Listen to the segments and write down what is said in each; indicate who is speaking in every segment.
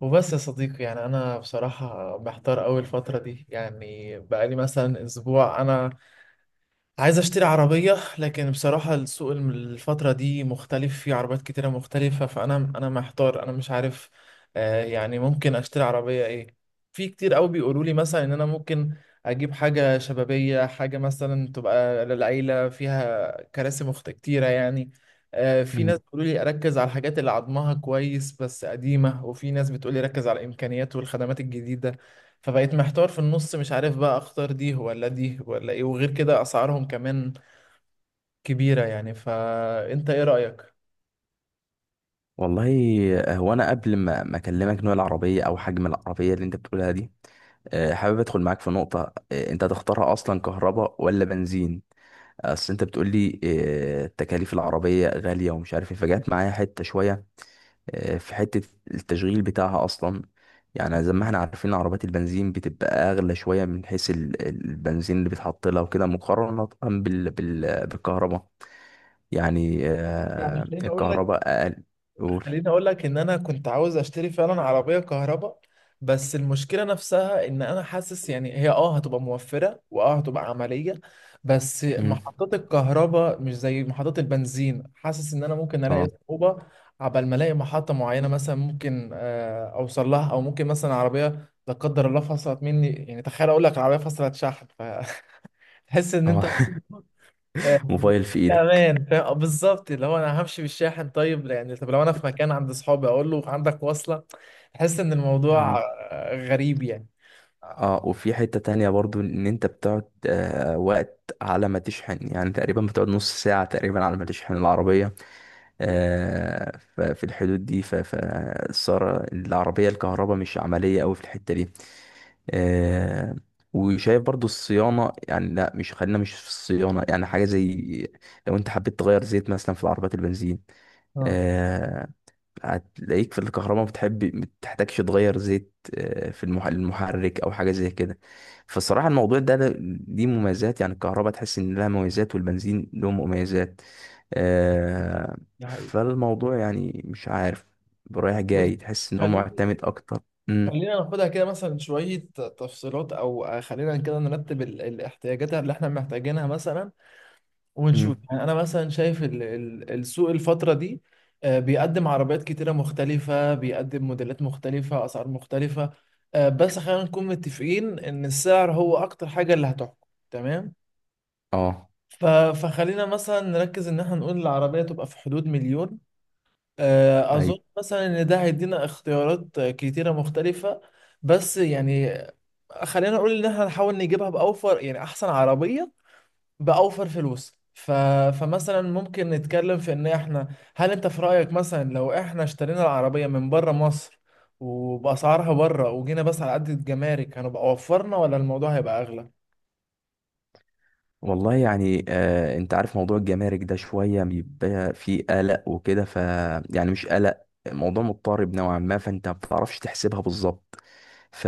Speaker 1: وبس يا صديقي، يعني انا بصراحة محتار قوي الفترة دي. يعني بقالي مثلا اسبوع انا عايز اشتري عربية، لكن بصراحة السوق الفترة دي مختلف، في عربيات كتيرة مختلفة، فانا محتار، انا مش عارف آه يعني ممكن اشتري عربية ايه. في كتير قوي بيقولوا لي مثلا ان انا ممكن اجيب حاجة شبابية، حاجة مثلا تبقى للعيلة فيها كراسي كتيرة يعني. آه، في
Speaker 2: مم.
Speaker 1: ناس بيقولوا لي اركز على الحاجات اللي عظمها كويس بس قديمة، وفي ناس بتقول لي ركز على الامكانيات والخدمات الجديدة. فبقيت محتار في النص، مش عارف بقى اختار دي ولا دي ولا ايه، وغير كده اسعارهم كمان كبيرة يعني. فانت ايه رأيك؟
Speaker 2: والله، انا اكلمك نوع العربيه او حجم العربيه اللي انت بتقولها دي؟ حابب ادخل معاك في نقطه. انت هتختارها اصلا كهرباء ولا بنزين؟ اصل انت بتقول لي تكاليف العربيه غاليه ومش عارف ايه، فجات معايا حته شويه. في حته التشغيل بتاعها اصلا. يعني زي ما احنا عارفين، عربيات البنزين بتبقى اغلى شويه من حيث البنزين اللي بيتحط لها وكده، مقارنه بال بالكهرباء. يعني
Speaker 1: يعني خليني اقول
Speaker 2: الكهرباء
Speaker 1: لك،
Speaker 2: اقل. قول.
Speaker 1: خليني اقول لك ان انا كنت عاوز اشتري فعلا عربيه كهرباء. بس المشكله نفسها ان انا حاسس يعني هي هتبقى موفره، واه هتبقى عمليه. بس
Speaker 2: مم.
Speaker 1: محطات الكهرباء مش زي محطات البنزين، حاسس ان انا ممكن الاقي
Speaker 2: اه،
Speaker 1: صعوبه عبال ما الاقي محطه معينه. مثلا ممكن اوصل لها، او ممكن مثلا عربيه لا قدر الله فصلت مني، يعني تخيل اقول لك عربيه فصلت شحن فتحس ان انت
Speaker 2: اه.
Speaker 1: يعني
Speaker 2: موبايل
Speaker 1: مش
Speaker 2: في ايدك.
Speaker 1: امان، فاهم؟ بالظبط، اللي هو انا همشي بالشاحن؟ طيب يعني طب لو انا في مكان عند اصحابي اقول له عندك وصله؟ تحس ان الموضوع
Speaker 2: مم.
Speaker 1: غريب يعني.
Speaker 2: اه، وفي حتة تانية برضو ان انت بتقعد وقت على ما تشحن، يعني تقريبا بتقعد نص ساعة تقريبا على ما تشحن العربية. ففي الحدود دي، فالسارة العربية الكهرباء مش عملية اوي في الحتة دي. آه وشايف برضو الصيانة، يعني لا، مش، خلينا مش في الصيانة. يعني حاجة زي لو انت حبيت تغير زيت مثلا في العربيات البنزين،
Speaker 1: اه،
Speaker 2: آه، هتلاقيك في الكهرباء بتحب ما بتحتاجش تغير زيت في المحرك او حاجه زي كده. فالصراحه، الموضوع ده دي مميزات، يعني الكهرباء تحس ان لها مميزات والبنزين له مميزات. آه،
Speaker 1: ده حقيقي.
Speaker 2: فالموضوع يعني مش عارف، رايح
Speaker 1: بص،
Speaker 2: جاي تحس ان هو
Speaker 1: خليني
Speaker 2: معتمد اكتر. امم،
Speaker 1: خلينا ناخدها كده مثلا شويه تفصيلات، او خلينا كده نرتب الاحتياجات اللي احنا محتاجينها مثلا ونشوف.
Speaker 2: امم.
Speaker 1: يعني انا مثلا شايف السوق الفتره دي بيقدم عربيات كتيره مختلفه، بيقدم موديلات مختلفه، اسعار مختلفه. بس خلينا نكون متفقين ان السعر هو اكتر حاجه اللي هتحكم، تمام؟
Speaker 2: اه.
Speaker 1: ف- فخلينا مثلا نركز ان احنا نقول العربيه تبقى في حدود مليون.
Speaker 2: أيوه.
Speaker 1: اظن مثلا ان ده هيدينا اختيارات كتيره مختلفه. بس يعني خلينا نقول ان احنا نحاول نجيبها باوفر، يعني احسن عربيه بأوفر فلوس فمثلا ممكن نتكلم في ان احنا، هل انت في رأيك مثلا لو احنا اشترينا العربية من بره مصر وبأسعارها بره وجينا بس على قد الجمارك، هنبقى وفرنا ولا الموضوع هيبقى اغلى؟
Speaker 2: والله يعني، انت عارف موضوع الجمارك ده شوية بيبقى فيه قلق وكده، يعني مش قلق، موضوع مضطرب نوعا ما، فانت ما بتعرفش تحسبها بالظبط. ف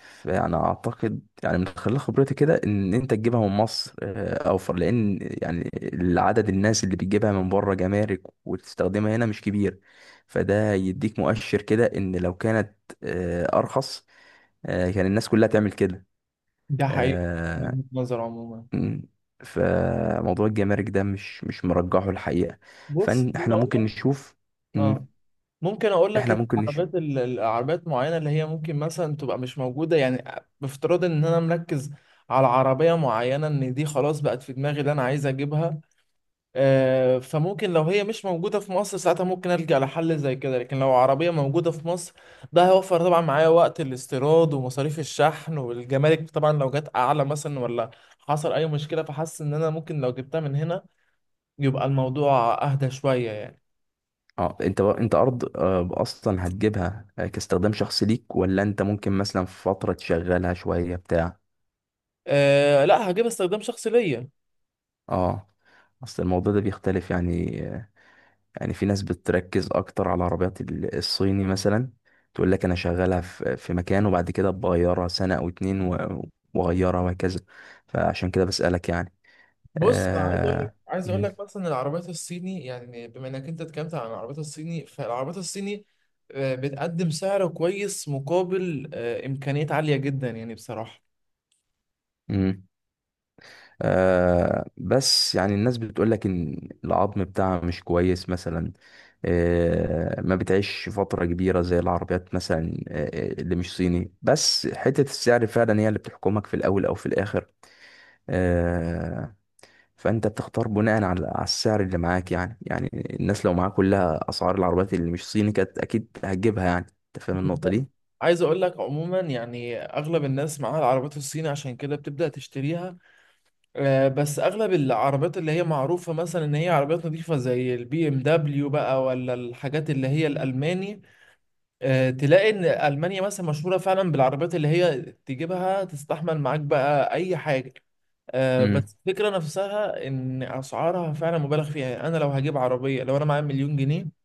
Speaker 2: فانا اعتقد يعني من خلال خبرتي كده ان انت تجيبها من مصر اوفر، لان يعني العدد الناس اللي بتجيبها من بره جمارك وتستخدمها هنا مش كبير. فده يديك مؤشر كده ان لو كانت ارخص، كان الناس كلها تعمل كده.
Speaker 1: ده حقيقي، من
Speaker 2: آه،
Speaker 1: وجهة نظر عموما.
Speaker 2: مم. فموضوع الجمارك ده مش مرجحه الحقيقة.
Speaker 1: بص خليني
Speaker 2: فاحنا
Speaker 1: اقول
Speaker 2: ممكن
Speaker 1: لك.
Speaker 2: نشوف.
Speaker 1: اه،
Speaker 2: مم.
Speaker 1: ممكن اقول لك
Speaker 2: احنا
Speaker 1: ان
Speaker 2: ممكن نشوف.
Speaker 1: العربيات معينة اللي هي ممكن مثلا تبقى مش موجودة يعني. بافتراض ان انا مركز على عربية معينة، ان دي خلاص بقت في دماغي اللي انا عايز اجيبها، فممكن لو هي مش موجودة في مصر ساعتها ممكن ألجأ لحل زي كده. لكن لو عربية موجودة في مصر، ده هيوفر طبعا معايا وقت الاستيراد ومصاريف الشحن والجمارك. طبعا لو جت أعلى مثلا، ولا حصل أي مشكلة، فحاسس إن أنا ممكن لو جبتها من هنا يبقى الموضوع أهدى شوية يعني.
Speaker 2: اه، انت ارض، اصلا هتجيبها كاستخدام شخصي ليك، ولا انت ممكن مثلا في فترة تشغلها شوية بتاع؟
Speaker 1: أه لا، هجيب استخدام شخصي ليا.
Speaker 2: اه. اصل الموضوع ده بيختلف، يعني يعني في ناس بتركز اكتر على عربيات الصيني مثلا. تقول لك انا شغالها في مكان وبعد كده بغيرها سنة او اتنين واغيرها وهكذا. فعشان كده بسألك، يعني.
Speaker 1: بص عايز اقول لك،
Speaker 2: آه.
Speaker 1: عايز اقول
Speaker 2: مم.
Speaker 1: لك مثلا العربيات الصيني، يعني بما انك انت اتكلمت عن العربيات الصيني، فالعربيات الصيني بتقدم سعر كويس مقابل امكانيات عاليه جدا يعني بصراحه.
Speaker 2: مم. بس يعني الناس بتقول لك ان العظم بتاعها مش كويس مثلا. ما بتعيش فترة كبيرة زي العربيات مثلا، اللي مش صيني، بس حتة السعر فعلا هي اللي بتحكمك في الاول او في الاخر. آه فانت بتختار بناء على السعر اللي معاك، يعني الناس لو معاك كلها اسعار العربيات اللي مش صيني كانت اكيد هتجيبها. يعني انت فاهم النقطة
Speaker 1: بالظبط.
Speaker 2: دي؟
Speaker 1: عايز اقول لك عموما يعني اغلب الناس معاها العربيات الصيني، عشان كده بتبدا تشتريها. بس اغلب العربيات اللي هي معروفه مثلا ان هي عربيات نظيفه زي البي ام دبليو بقى، ولا الحاجات اللي هي الالماني، تلاقي ان المانيا مثلا مشهوره فعلا بالعربيات اللي هي تجيبها تستحمل معاك بقى اي حاجه.
Speaker 2: مم.
Speaker 1: بس الفكره نفسها ان اسعارها فعلا مبالغ فيها. يعني انا لو هجيب عربيه، لو انا معايا مليون جنيه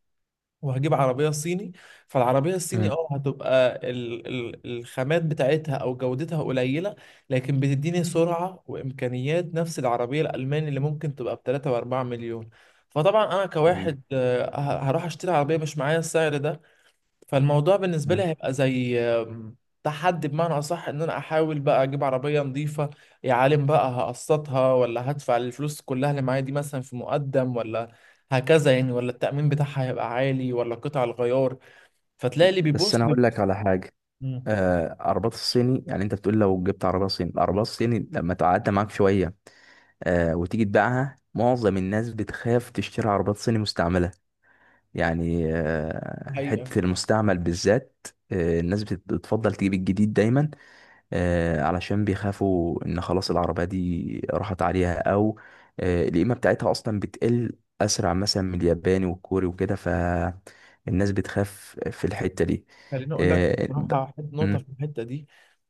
Speaker 1: وهجيب عربيه صيني، فالعربيه الصيني
Speaker 2: مم.
Speaker 1: اه هتبقى ال ال الخامات بتاعتها او جودتها قليله، لكن بتديني سرعه وامكانيات نفس العربيه الالماني اللي ممكن تبقى ب 3 و4 مليون. فطبعا انا
Speaker 2: مم.
Speaker 1: كواحد هروح اشتري عربيه مش معايا السعر ده. فالموضوع بالنسبة لي
Speaker 2: مم.
Speaker 1: هيبقى زي تحدي بمعنى أصح، إن أنا أحاول بقى أجيب عربية نظيفة. يا عالم بقى، هقسطها ولا هدفع الفلوس كلها اللي معايا دي مثلا في مقدم، ولا هكذا يعني، ولا التأمين بتاعها هيبقى عالي، ولا قطع الغيار. فتلاقي اللي
Speaker 2: بس انا اقول لك على حاجة.
Speaker 1: مم.
Speaker 2: عربات الصيني، يعني انت بتقول لو جبت عربيه صيني، العربيه الصيني لما تعدي معاك شويه وتيجي تبيعها، معظم الناس بتخاف تشتري عربيات صيني مستعمله. يعني
Speaker 1: الحقيقة،
Speaker 2: حته المستعمل بالذات، الناس بتفضل تجيب الجديد دايما علشان بيخافوا ان خلاص العربيه دي راحت عليها، او القيمه بتاعتها اصلا بتقل اسرع مثلا من الياباني والكوري وكده. فالناس بتخاف في الحته دي.
Speaker 1: خليني اقول لك
Speaker 2: آه ب...
Speaker 1: بصراحه، حط نقطه
Speaker 2: مم.
Speaker 1: في الحته دي.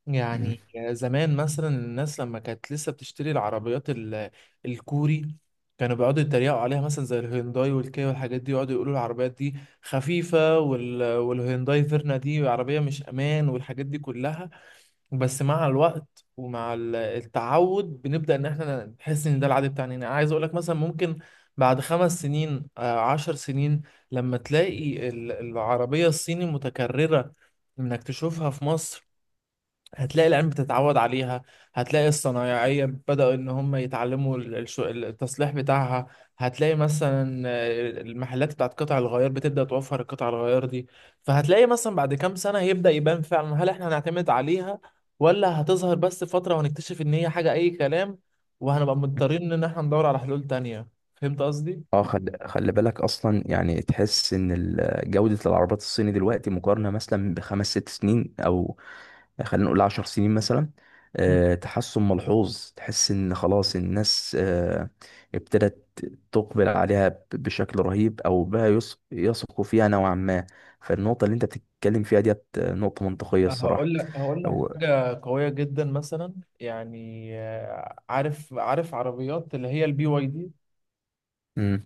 Speaker 1: يعني زمان مثلا الناس لما كانت لسه بتشتري الكوري، كانوا بيقعدوا يتريقوا عليها مثلا زي الهيونداي والكيا والحاجات دي، يقعدوا يقولوا العربيات دي خفيفه والهيونداي فيرنا دي عربيه مش امان، والحاجات دي كلها. بس مع الوقت ومع التعود بنبدأ ان احنا نحس ان ده العادي بتاعنا. انا عايز اقول لك مثلا ممكن بعد خمس سنين، عشر سنين، لما تلاقي العربية الصيني متكررة، انك تشوفها في مصر، هتلاقي العلم بتتعود عليها، هتلاقي الصنايعية بدأوا إن هم يتعلموا التصليح بتاعها، هتلاقي مثلا المحلات بتاعت قطع الغيار بتبدأ توفر القطع الغيار دي. فهتلاقي مثلا بعد كام سنة هيبدأ يبان فعلا هل احنا هنعتمد عليها، ولا هتظهر بس فترة وهنكتشف إن هي حاجة أي كلام وهنبقى مضطرين إن احنا ندور على حلول تانية. فهمت قصدي؟
Speaker 2: اه، خلي بالك اصلا، يعني تحس ان جودة العربيات الصيني دلوقتي مقارنة مثلا بخمس ست سنين، او خلينا نقول 10 سنين مثلا.
Speaker 1: مم.
Speaker 2: تحسن ملحوظ، تحس ان خلاص الناس ابتدت تقبل عليها بشكل رهيب، او بقى يثقوا فيها نوعا ما. فالنقطة اللي انت بتتكلم فيها ديت نقطة منطقية الصراحة.
Speaker 1: هقول لك، هقول لك
Speaker 2: او
Speaker 1: حاجة قوية جدا مثلا. يعني عارف عربيات اللي هي البي واي دي.
Speaker 2: مم،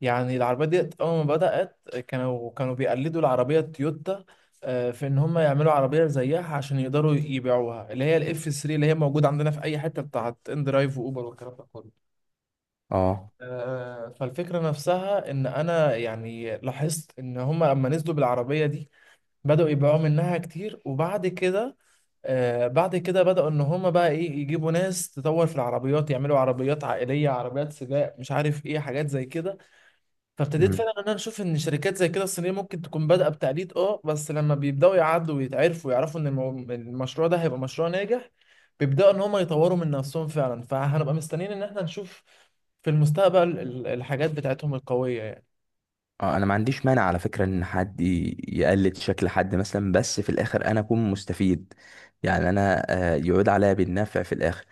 Speaker 1: يعني العربيات دي أول ما بدأت، كانوا بيقلدوا العربية التويوتا، في إن هم يعملوا عربية زيها عشان يقدروا يبيعوها، اللي هي الإف 3 اللي هي موجودة عندنا في أي حتة بتاعت إن درايف وأوبر والكلام ده كله.
Speaker 2: اه،
Speaker 1: فالفكرة نفسها، إن أنا يعني لاحظت إن هم لما نزلوا بالعربية دي بدأوا يبيعوا منها كتير، وبعد كده، بعد كده بدأوا إن هما بقى إيه، يجيبوا ناس تطور في العربيات، يعملوا عربيات عائلية، عربيات سباق، مش عارف إيه حاجات زي كده. فابتديت فعلا ان انا اشوف ان شركات زي كده الصينيه ممكن تكون بادئه بتقليد، اه، بس لما بيبداوا يعدوا ويتعرفوا ويعرفوا ان المشروع ده هيبقى مشروع ناجح، بيبداوا ان هم يطوروا من نفسهم فعلا. فهنبقى مستنيين ان احنا نشوف في المستقبل الحاجات بتاعتهم القويه يعني.
Speaker 2: اه. انا ما عنديش مانع على فكرة ان حد يقلد شكل حد مثلا، بس في الاخر انا اكون مستفيد، يعني انا، يعود عليا بالنفع في الاخر.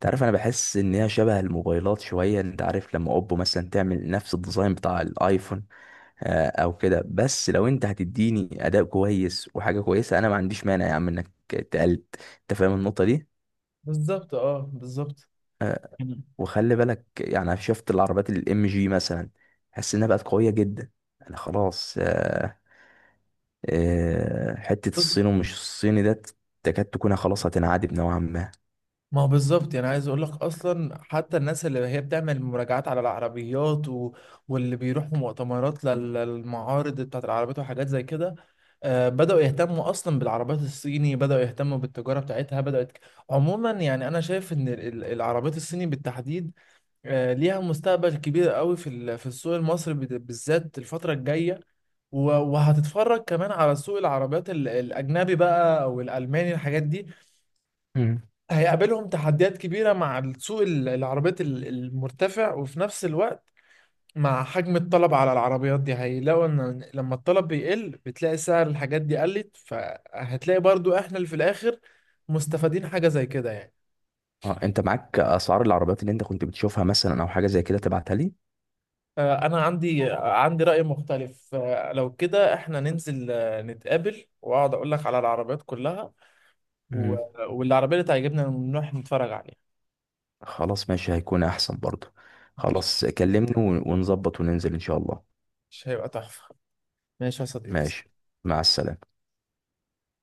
Speaker 2: تعرف، انا بحس ان هي شبه الموبايلات شوية. انت عارف لما اوبو مثلا تعمل نفس الديزاين بتاع الايفون، او كده. بس لو انت هتديني اداء كويس وحاجة كويسة، انا ما عنديش مانع يا عم انك تقلد. انت فاهم النقطة دي؟
Speaker 1: بالظبط، اه بالظبط. مم.
Speaker 2: وخلي بالك، يعني أنا شفت العربيات MG مثلا، حس انها بقت قوية جدا. انا خلاص، حتة الصين ومش الصيني ده تكاد تكون خلاص هتنعدم نوعا ما.
Speaker 1: ما هو بالظبط، يعني عايز اقول لك اصلا حتى الناس اللي هي بتعمل مراجعات على العربيات واللي بيروحوا مؤتمرات للمعارض بتاعت العربيات وحاجات زي كده، بدأوا يهتموا اصلا بالعربيات الصيني، بدأوا يهتموا بالتجارة بتاعتها بدأت. عموما يعني انا شايف ان العربيات الصيني بالتحديد ليها مستقبل كبير قوي في في السوق المصري بالذات الفترة الجاية. وهتتفرج كمان على سوق العربيات الاجنبي بقى، او الالماني الحاجات دي
Speaker 2: مم.
Speaker 1: هيقابلهم تحديات كبيرة مع السوق العربيات المرتفع. وفي نفس الوقت مع حجم الطلب على العربيات دي، هيلاقوا ان لما الطلب بيقل بتلاقي سعر الحاجات دي قلت، فهتلاقي برضو احنا اللي في الاخر مستفادين حاجة زي كده يعني.
Speaker 2: اه، انت معاك اسعار العربيات اللي انت كنت بتشوفها مثلا او حاجة زي كده، تبعتها لي؟
Speaker 1: انا عندي، عندي رأي مختلف. لو كده احنا ننزل نتقابل، واقعد اقول لك على العربيات كلها، و-
Speaker 2: مم.
Speaker 1: والعربية اللي تعجبنا نروح نتفرج عليها.
Speaker 2: خلاص، ماشي، هيكون احسن برضه.
Speaker 1: ماشي،
Speaker 2: خلاص، كلمني ونظبط وننزل ان شاء الله.
Speaker 1: مش هيبقى تحفة؟ ماشي يا صديقي.
Speaker 2: ماشي. مع السلامة.